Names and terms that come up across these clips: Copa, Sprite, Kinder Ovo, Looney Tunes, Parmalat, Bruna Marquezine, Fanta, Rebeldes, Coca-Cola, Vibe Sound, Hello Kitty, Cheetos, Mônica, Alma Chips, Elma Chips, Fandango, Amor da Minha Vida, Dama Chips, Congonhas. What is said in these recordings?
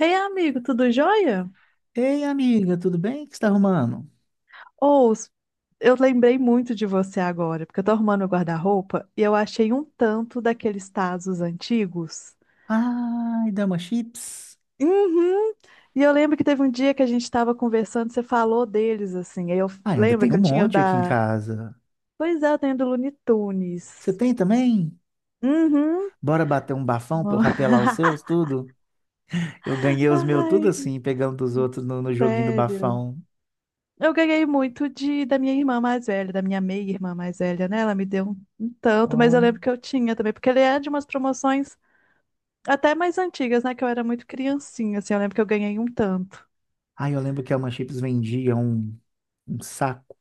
Ei, amigo, tudo jóia? Ei, amiga, tudo bem? O que você está arrumando? Ou, eu lembrei muito de você agora, porque eu tô arrumando meu guarda-roupa e eu achei um tanto daqueles tazos antigos. Ai, Dama Chips. Uhum. E eu lembro que teve um dia que a gente tava conversando, você falou deles, assim. Aí eu Ah, ainda lembro tem um que eu tinha o monte aqui em da. casa. Pois é, eu tenho do Looney Você Tunes. tem também? Uhum. Bora bater um bafão pra eu rapelar os seus, tudo? Eu ganhei os meus tudo assim, Ai, pegando dos outros no joguinho do sério. bafão. Eu ganhei muito de da minha irmã mais velha, da minha meia-irmã mais velha, né? Ela me deu um tanto, mas eu Ó. lembro que eu tinha também, porque ele é de umas promoções até mais antigas, né? Que eu era muito criancinha, assim, eu lembro que eu ganhei um tanto. Ai, eu lembro que a Dama Chips vendia um saco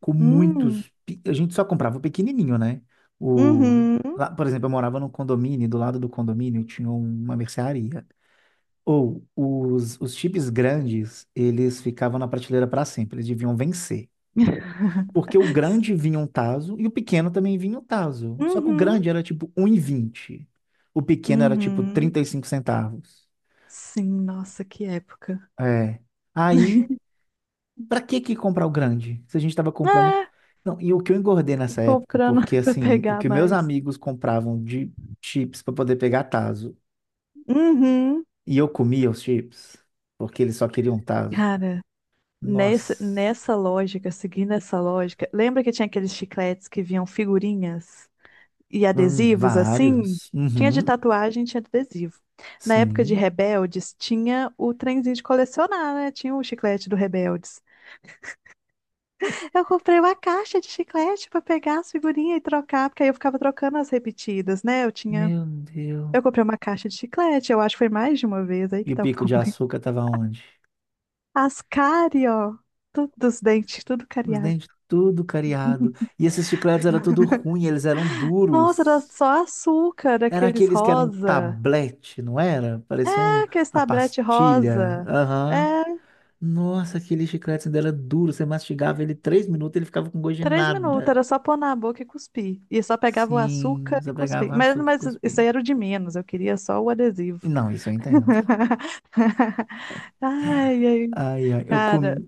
com Hum, muitos... pe- A gente só comprava o pequenininho, né? O... uhum. Lá, por exemplo, eu morava num condomínio, e do lado do condomínio tinha uma mercearia. Ou os chips grandes, eles ficavam na prateleira para sempre, eles deviam vencer. Porque o grande vinha um taso e o pequeno também vinha um taso. Só que o Uhum, grande era tipo um e vinte. O pequeno era tipo uhum. 35 centavos. Sim, nossa, que época. É. Aí, pra que que comprar o grande? Se a gente tava comprando. É, Não, e o que eu engordei e nessa época, comprando porque pra assim, o pegar que meus mais. amigos compravam de chips para poder pegar taso, Uhum. e eu comia os chips, porque eles só queriam taso. Cara, Nessa, Nossa. nessa lógica, seguindo essa lógica, lembra que tinha aqueles chicletes que vinham figurinhas e adesivos assim? Vários. Tinha de Uhum, tatuagem, tinha de adesivo. Na época de sim. Rebeldes, tinha o trenzinho de colecionar, né? Tinha o chiclete do Rebeldes. Eu comprei uma caixa de chiclete para pegar as figurinhas e trocar, porque aí eu ficava trocando as repetidas, né? Eu tinha. Meu Deus. Eu comprei uma caixa de chiclete, eu acho que foi mais de uma vez aí E que o tá o pico de problema. açúcar tava onde? As cárie, ó, tudo os dentes, tudo Os cariado. dentes tudo cariado. E esses chicletes eram tudo ruim, eles eram Nossa, era duros. só açúcar, Era aqueles aqueles que eram um rosa. tablete, não era? Parecia um, Ah, aquele uma tablete pastilha. rosa. Aham. É, Nossa, aquele chiclete ainda era duro. Você mastigava ele 3 minutos, ele ficava com gosto de três minutos, nada. era só pôr na boca e cuspir. E só pegava o Sim, açúcar você e cuspir. pegava Mas, açúcar e mas isso cuspia. aí era o de menos, eu queria só o E adesivo. não, isso eu entendo. Ai, ai, Ai, ai. Eu, cara. com...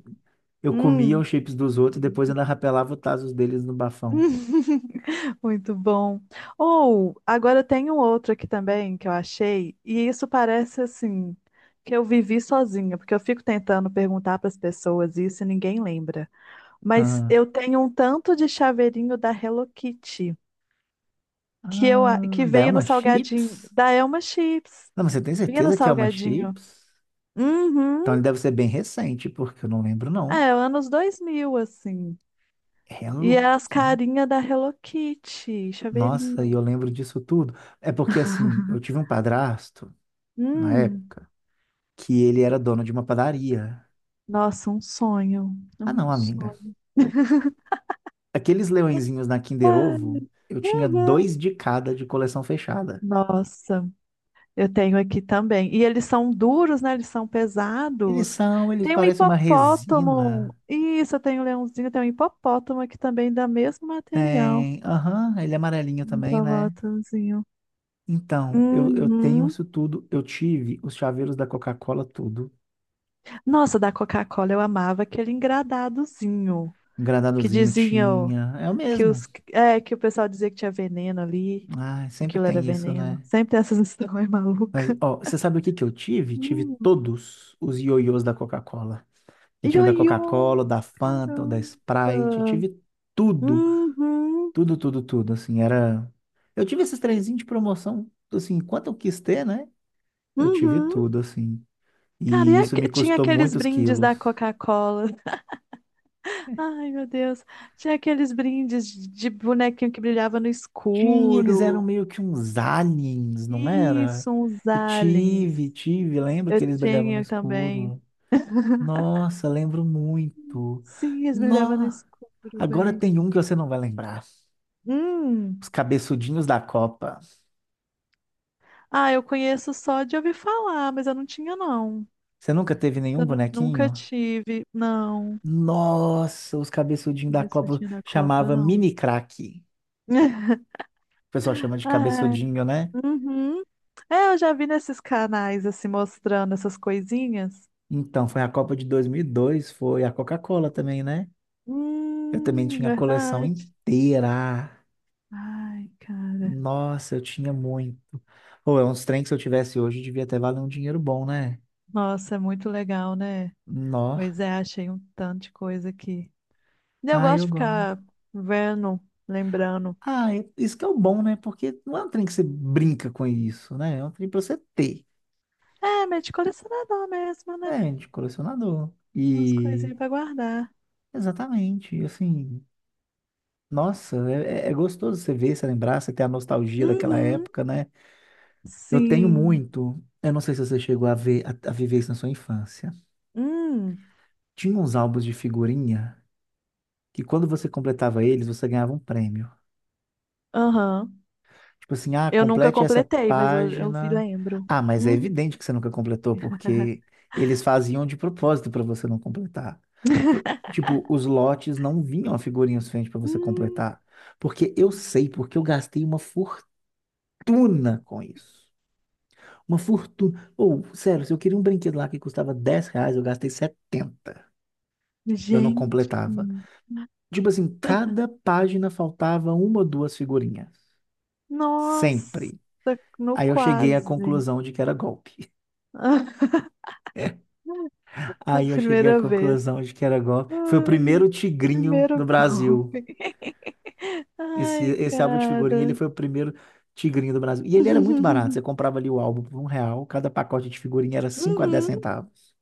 eu comia Hum. os chips dos outros e depois ainda rapelava os tazos deles no bafão. Muito bom. Ou, agora tem um outro aqui também que eu achei, e isso parece assim, que eu vivi sozinha, porque eu fico tentando perguntar para as pessoas isso e ninguém lembra. Mas Ah. eu tenho um tanto de chaveirinho da Hello Kitty Ah, que daí é veio no uma salgadinho chips? da Elma Chips. Não, mas você tem Vinha no certeza que é uma salgadinho. chips? Então Uhum. ele deve ser bem recente, porque eu não lembro, É, não. anos 2000 assim. E Hello é as Kitty. carinhas da Hello Kitty, Nossa, e chaveirinho. eu lembro disso tudo. É porque, assim, eu tive um padrasto, na Hum, época, que ele era dono de uma padaria. nossa, um sonho, Ah, um não, amiga. sonho. O- Aqueles leõezinhos na Kinder Ai, Ovo, eu tinha dois uhum. de cada de coleção fechada. Nossa. Eu tenho aqui também. E eles são duros, né? Eles são Eles pesados. são, eles Tem um parecem uma hipopótamo. resina. Isso, eu tenho um leãozinho, tem um hipopótamo aqui também, da mesmo material. Tem. Aham, ele é amarelinho Um também, né? hipopótamozinho. Então, eu tenho Uhum. isso tudo. Eu tive os chaveiros da Coca-Cola, tudo. Nossa, da Coca-Cola eu amava aquele engradadozinho que Engradadozinho diziam tinha. É o que mesmo. Que o pessoal dizia que tinha veneno ali. Ah, sempre Aquilo era tem isso, veneno. né? Sempre tem essas histórias Mas, malucas. ó, você sabe o que que eu tive? Tive Hum. todos os ioiôs da Coca-Cola. Que tinha o da Ioiô! Coca-Cola, o da Fanta, o da Sprite. Caramba! Tive tudo, Uhum. tudo, tudo, tudo. Assim, era. Eu tive esses trenzinhos de promoção, assim, quanto eu quis ter, né? Eu tive Uhum. tudo, assim. Cara, E isso me tinha custou aqueles muitos brindes quilos. da Coca-Cola. Ai, meu Deus. Tinha aqueles brindes de bonequinho que brilhava no Tinha, eles eram escuro. meio que uns aliens, não era? Isso, uns Eu aliens. tive, tive. Lembro Eu que eles brilhavam no tinha também. escuro. Nossa, lembro muito. Sim, eles brilhavam no Nó! escuro, Agora bem. tem um que você não vai lembrar. Os Hum. cabeçudinhos da Copa. Ah, eu conheço só de ouvir falar, mas eu não tinha, não. Você nunca teve nenhum Nunca bonequinho? tive, não. Nossa, os cabeçudinhos da Isso Copa dia da Copa, chamava não. mini craque. O pessoal chama de Ah, cabeçudinho, né? uhum. É, eu já vi nesses canais assim mostrando essas coisinhas. Então, foi a Copa de 2002, foi a Coca-Cola também, né? Eu também tinha a coleção Verdade. inteira. Ai, cara. Nossa, eu tinha muito. Ou é uns trem que se eu tivesse hoje, devia até valer um dinheiro bom, né? Nossa, é muito legal, né? Nó. Pois é, achei um tanto de coisa aqui. E eu Ah, gosto de eu gosto. ficar vendo, lembrando. Ah, é- isso que é o bom, né? Porque não é um trem que você brinca com isso, né? É um trem pra você ter. É, meio de colecionador mesmo, né? É, de colecionador. Umas E coisinhas pra guardar. exatamente, assim, nossa, é, é gostoso você ver, você lembrar, você ter a nostalgia daquela Uhum. época, né? Eu tenho Sim. muito. Eu não sei se você chegou a ver, a viver isso na sua infância. Hum. Tinha uns álbuns de figurinha que quando você completava eles, você ganhava um prêmio. Aham. Tipo assim, ah, Eu nunca complete essa completei, mas eu vi, página. lembro. Ah, mas é Uhum. evidente que você nunca completou, porque eles faziam de propósito para você não completar. Por- Tipo, os lotes não vinham a figurinha suficiente para você completar. Porque eu Hum. sei, porque eu gastei uma fortuna com isso. Uma fortuna. Ou, sério, se eu queria um brinquedo lá que custava 10 reais, eu gastei 70. Eu não Gente, completava. Tipo assim, cada página faltava uma ou duas figurinhas. nossa, Sempre. no Aí eu cheguei à quase. conclusão de que era golpe. A Aí eu cheguei à primeira vez. conclusão de que era golpe. Foi o Ai, primeiro tigrinho do primeiro gol. Brasil. Esse, Ai, esse álbum de figurinha, ele cara. foi o primeiro tigrinho do Brasil. E ele era muito barato. Você comprava ali o álbum por 1 real. Cada pacote de figurinha era cinco a dez Uhum. centavos.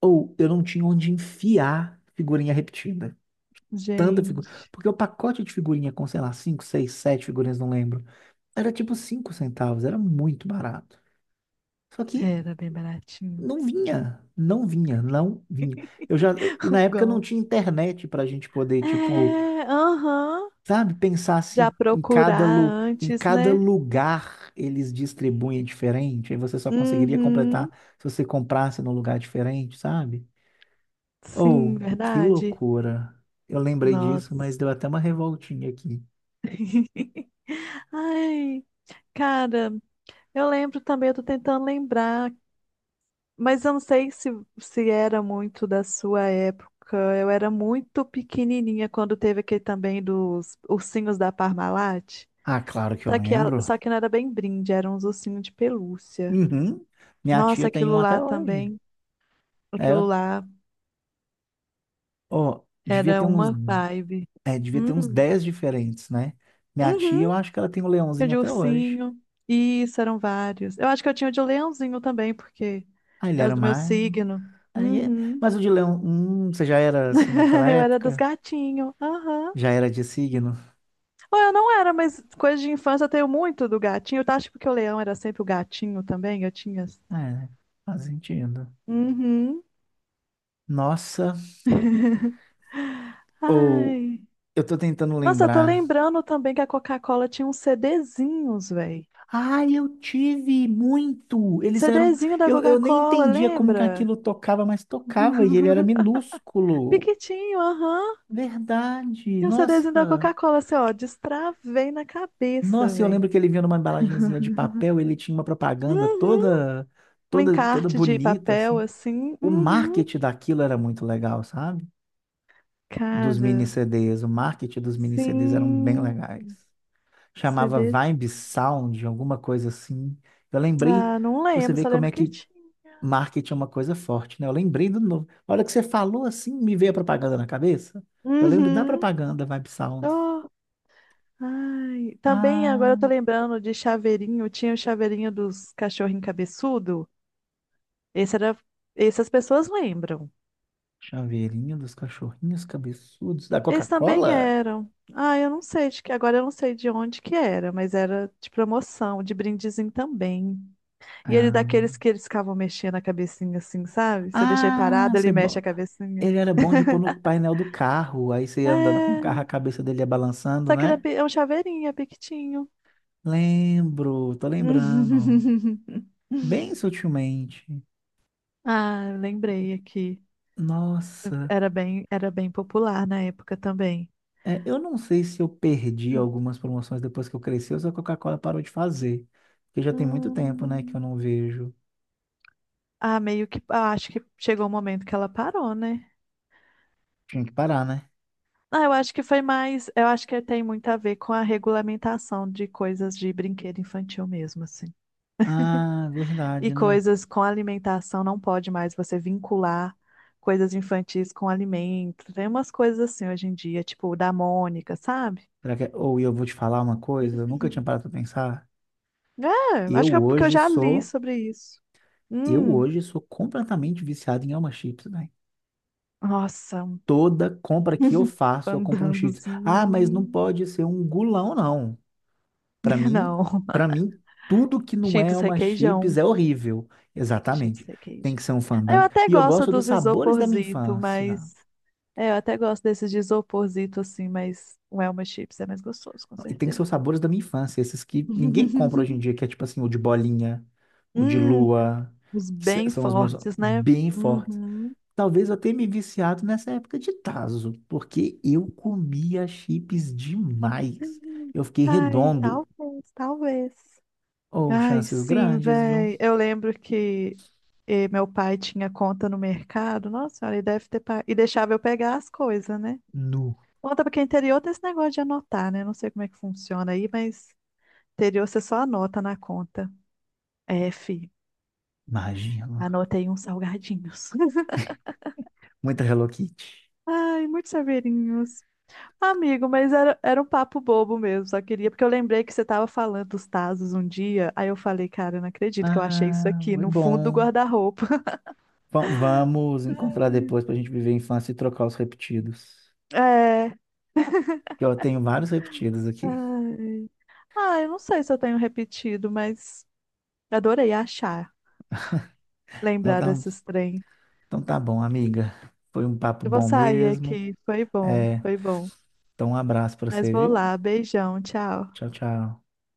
Ou eu não tinha onde enfiar figurinha repetida. Tanta figura. Gente, Porque o pacote de figurinha com, sei lá, 5 6 7 figurinhas, não lembro. Era tipo 5 centavos, era muito barato. Só que era bem baratinho. não vinha, não vinha, não vinha. Eu já, e na O época não gol. tinha internet pra gente poder, tipo, É, aham. sabe, pensar Já se em cada, procurar lu, em antes, cada né? lugar eles distribuem diferente. Aí você só conseguiria completar Uhum. se você comprasse num lugar diferente, sabe? Sim, Oh, que verdade. loucura. Eu lembrei disso, mas Nossa. deu até uma revoltinha aqui. Ai, cara, eu lembro também, eu tô tentando lembrar. Mas eu não sei se, se era muito da sua época. Eu era muito pequenininha quando teve aquele também dos ursinhos da Parmalat. Ah, claro que eu Só que, lembro. só que não era bem brinde, eram uns ursinhos de pelúcia. Uhum. Minha tia Nossa, tem aquilo um até lá hoje. também, É, aquilo lá ó, devia era ter uns, uma vibe. é, devia ter uns Hum, 10 diferentes, né? Minha tia, eu uhum, acho que ela tem um tinha leãozinho de até hoje. ursinho. Isso, eram vários. Eu acho que eu tinha o de leãozinho também, porque Ah, por ele era causa do meu mais. signo. Aí é... Uhum. Mas o de leão, você já era assim naquela Eu era dos época? gatinhos. Aham. Já era de signo? Pô, eu não era, mas coisa de infância eu tenho muito do gatinho. Tá? Acho que porque o leão era sempre o gatinho também, eu tinha. É, faz sentido. Uhum. Nossa, ou Ai. eu tô tentando Nossa, eu tô lembrar. lembrando também que a Coca-Cola tinha uns CDzinhos, velho. Ah, eu tive muito. Eles eram. CDzinho da Eu nem Coca-Cola, entendia como que lembra? aquilo tocava, mas tocava e ele era minúsculo. Piquitinho, aham. Verdade. E o CDzinho da Nossa. Coca-Cola, assim, ó, destravei na cabeça, Nossa, eu velho. lembro que ele vinha numa embalagenzinha de papel, ele tinha uma propaganda Uhum. toda, Um toda, toda encarte de bonita, papel, assim. assim. O Uhum. marketing daquilo era muito legal, sabe? Dos mini Cara, CDs. O marketing dos mini CDs eram bem sim. legais. Chamava Vibe Sound, alguma coisa assim. Eu lembrei, Ah, não pra você lembro, ver só como lembro é que que tinha. marketing é uma coisa forte, né? Eu lembrei do novo. A hora que você falou assim, me veio a propaganda na cabeça. Eu lembro da Uhum. propaganda Vibe Sounds. Oh, ai. Também agora eu tô Ah, lembrando de chaveirinho, tinha o chaveirinho dos cachorrinhos cabeçudo. Esse era, essas pessoas lembram. chaveirinho dos cachorrinhos cabeçudos da Eles também Coca-Cola? eram. Ah, eu não sei de que agora, eu não sei de onde que era, mas era de promoção, de brindezinho também. E ele Ah, daqueles que eles ficavam mexendo a cabecinha assim, sabe? Você deixa ele ah, parado, ele você mexe a bo- cabecinha. ele era bom de pôr no painel do carro. Aí você ia andando com o carro, É, a cabeça dele ia balançando, só que né? É um chaveirinho, é piquitinho. Lembro, tô lembrando. Bem sutilmente. Ah, eu lembrei aqui. Nossa. Era bem popular na época também. É, eu não sei se eu perdi algumas promoções depois que eu cresci ou se a Coca-Cola parou de fazer. Porque já tem muito tempo, né, que eu Hum, não vejo. Ah, meio que, ah, acho que chegou o momento que ela parou, né? Tinha que parar, né? Ah, eu acho que foi mais, eu acho que tem muito a ver com a regulamentação de coisas de brinquedo infantil mesmo, assim. Ah, E verdade, né? coisas com alimentação não pode mais você vincular coisas infantis com alimento. Tem umas coisas assim hoje em dia, tipo o da Mônica, sabe? Será que é- Ou eu vou te falar uma coisa, eu nunca tinha parado pra pensar. É, acho Eu que é porque eu hoje já li sou, sobre isso. eu Hum, hoje sou completamente viciado em Alma Chips, né? nossa, um Toda compra que eu faço, eu compro um Cheetos. fandangozinho. Ah, mas não Hum. pode ser um gulão, não. Para mim, Não, para mim, tudo que não é Cheetos uma chips requeijão. é horrível. Cheetos Exatamente. Tem requeijão. que ser um Eu fandango. até E eu gosto gosto dos dos sabores da minha isoporzito, infância. mas... É, eu até gosto desses de isoporzito, assim, mas o Elma Chips é mais gostoso, com E tem que ser certeza. os sabores da minha infância, esses que ninguém compra hoje em dia, que é tipo assim, o de bolinha, o de Hum, lua, os que se- bem são os meus fortes, né? bem fortes. Uhum. Talvez eu tenha me viciado nessa época de Tazo, porque eu comia chips demais. Eu fiquei Ai, redondo. talvez, talvez. Ou Ai, chances sim, grandes, viu? véi. Eu lembro que meu pai tinha conta no mercado. Nossa senhora, ele deve ter. E deixava eu pegar as coisas, né? Nu, Conta porque interior tem esse negócio de anotar, né? Não sei como é que funciona aí, mas interior você só anota na conta. É, fi, imagina. anotei uns salgadinhos. Muita Hello Kitty. Ai, muitos saveirinhos. Amigo, era um papo bobo mesmo, só queria, porque eu lembrei que você estava falando dos Tazos um dia, aí eu falei, cara, eu não acredito que eu achei isso Ah, aqui muito no fundo do bom. guarda-roupa. Va- Vamos encontrar depois para a gente viver a infância e trocar os repetidos. É. Que eu tenho vários repetidos aqui. Ai. Ah, eu não sei se eu tenho repetido, mas adorei achar, Então lembrar tá, desses trem. então tá bom, amiga. Foi um papo Eu vou bom sair mesmo. aqui, foi bom, É, foi bom. então um abraço para Mas você, vou viu? lá, beijão, tchau. Tchau, tchau.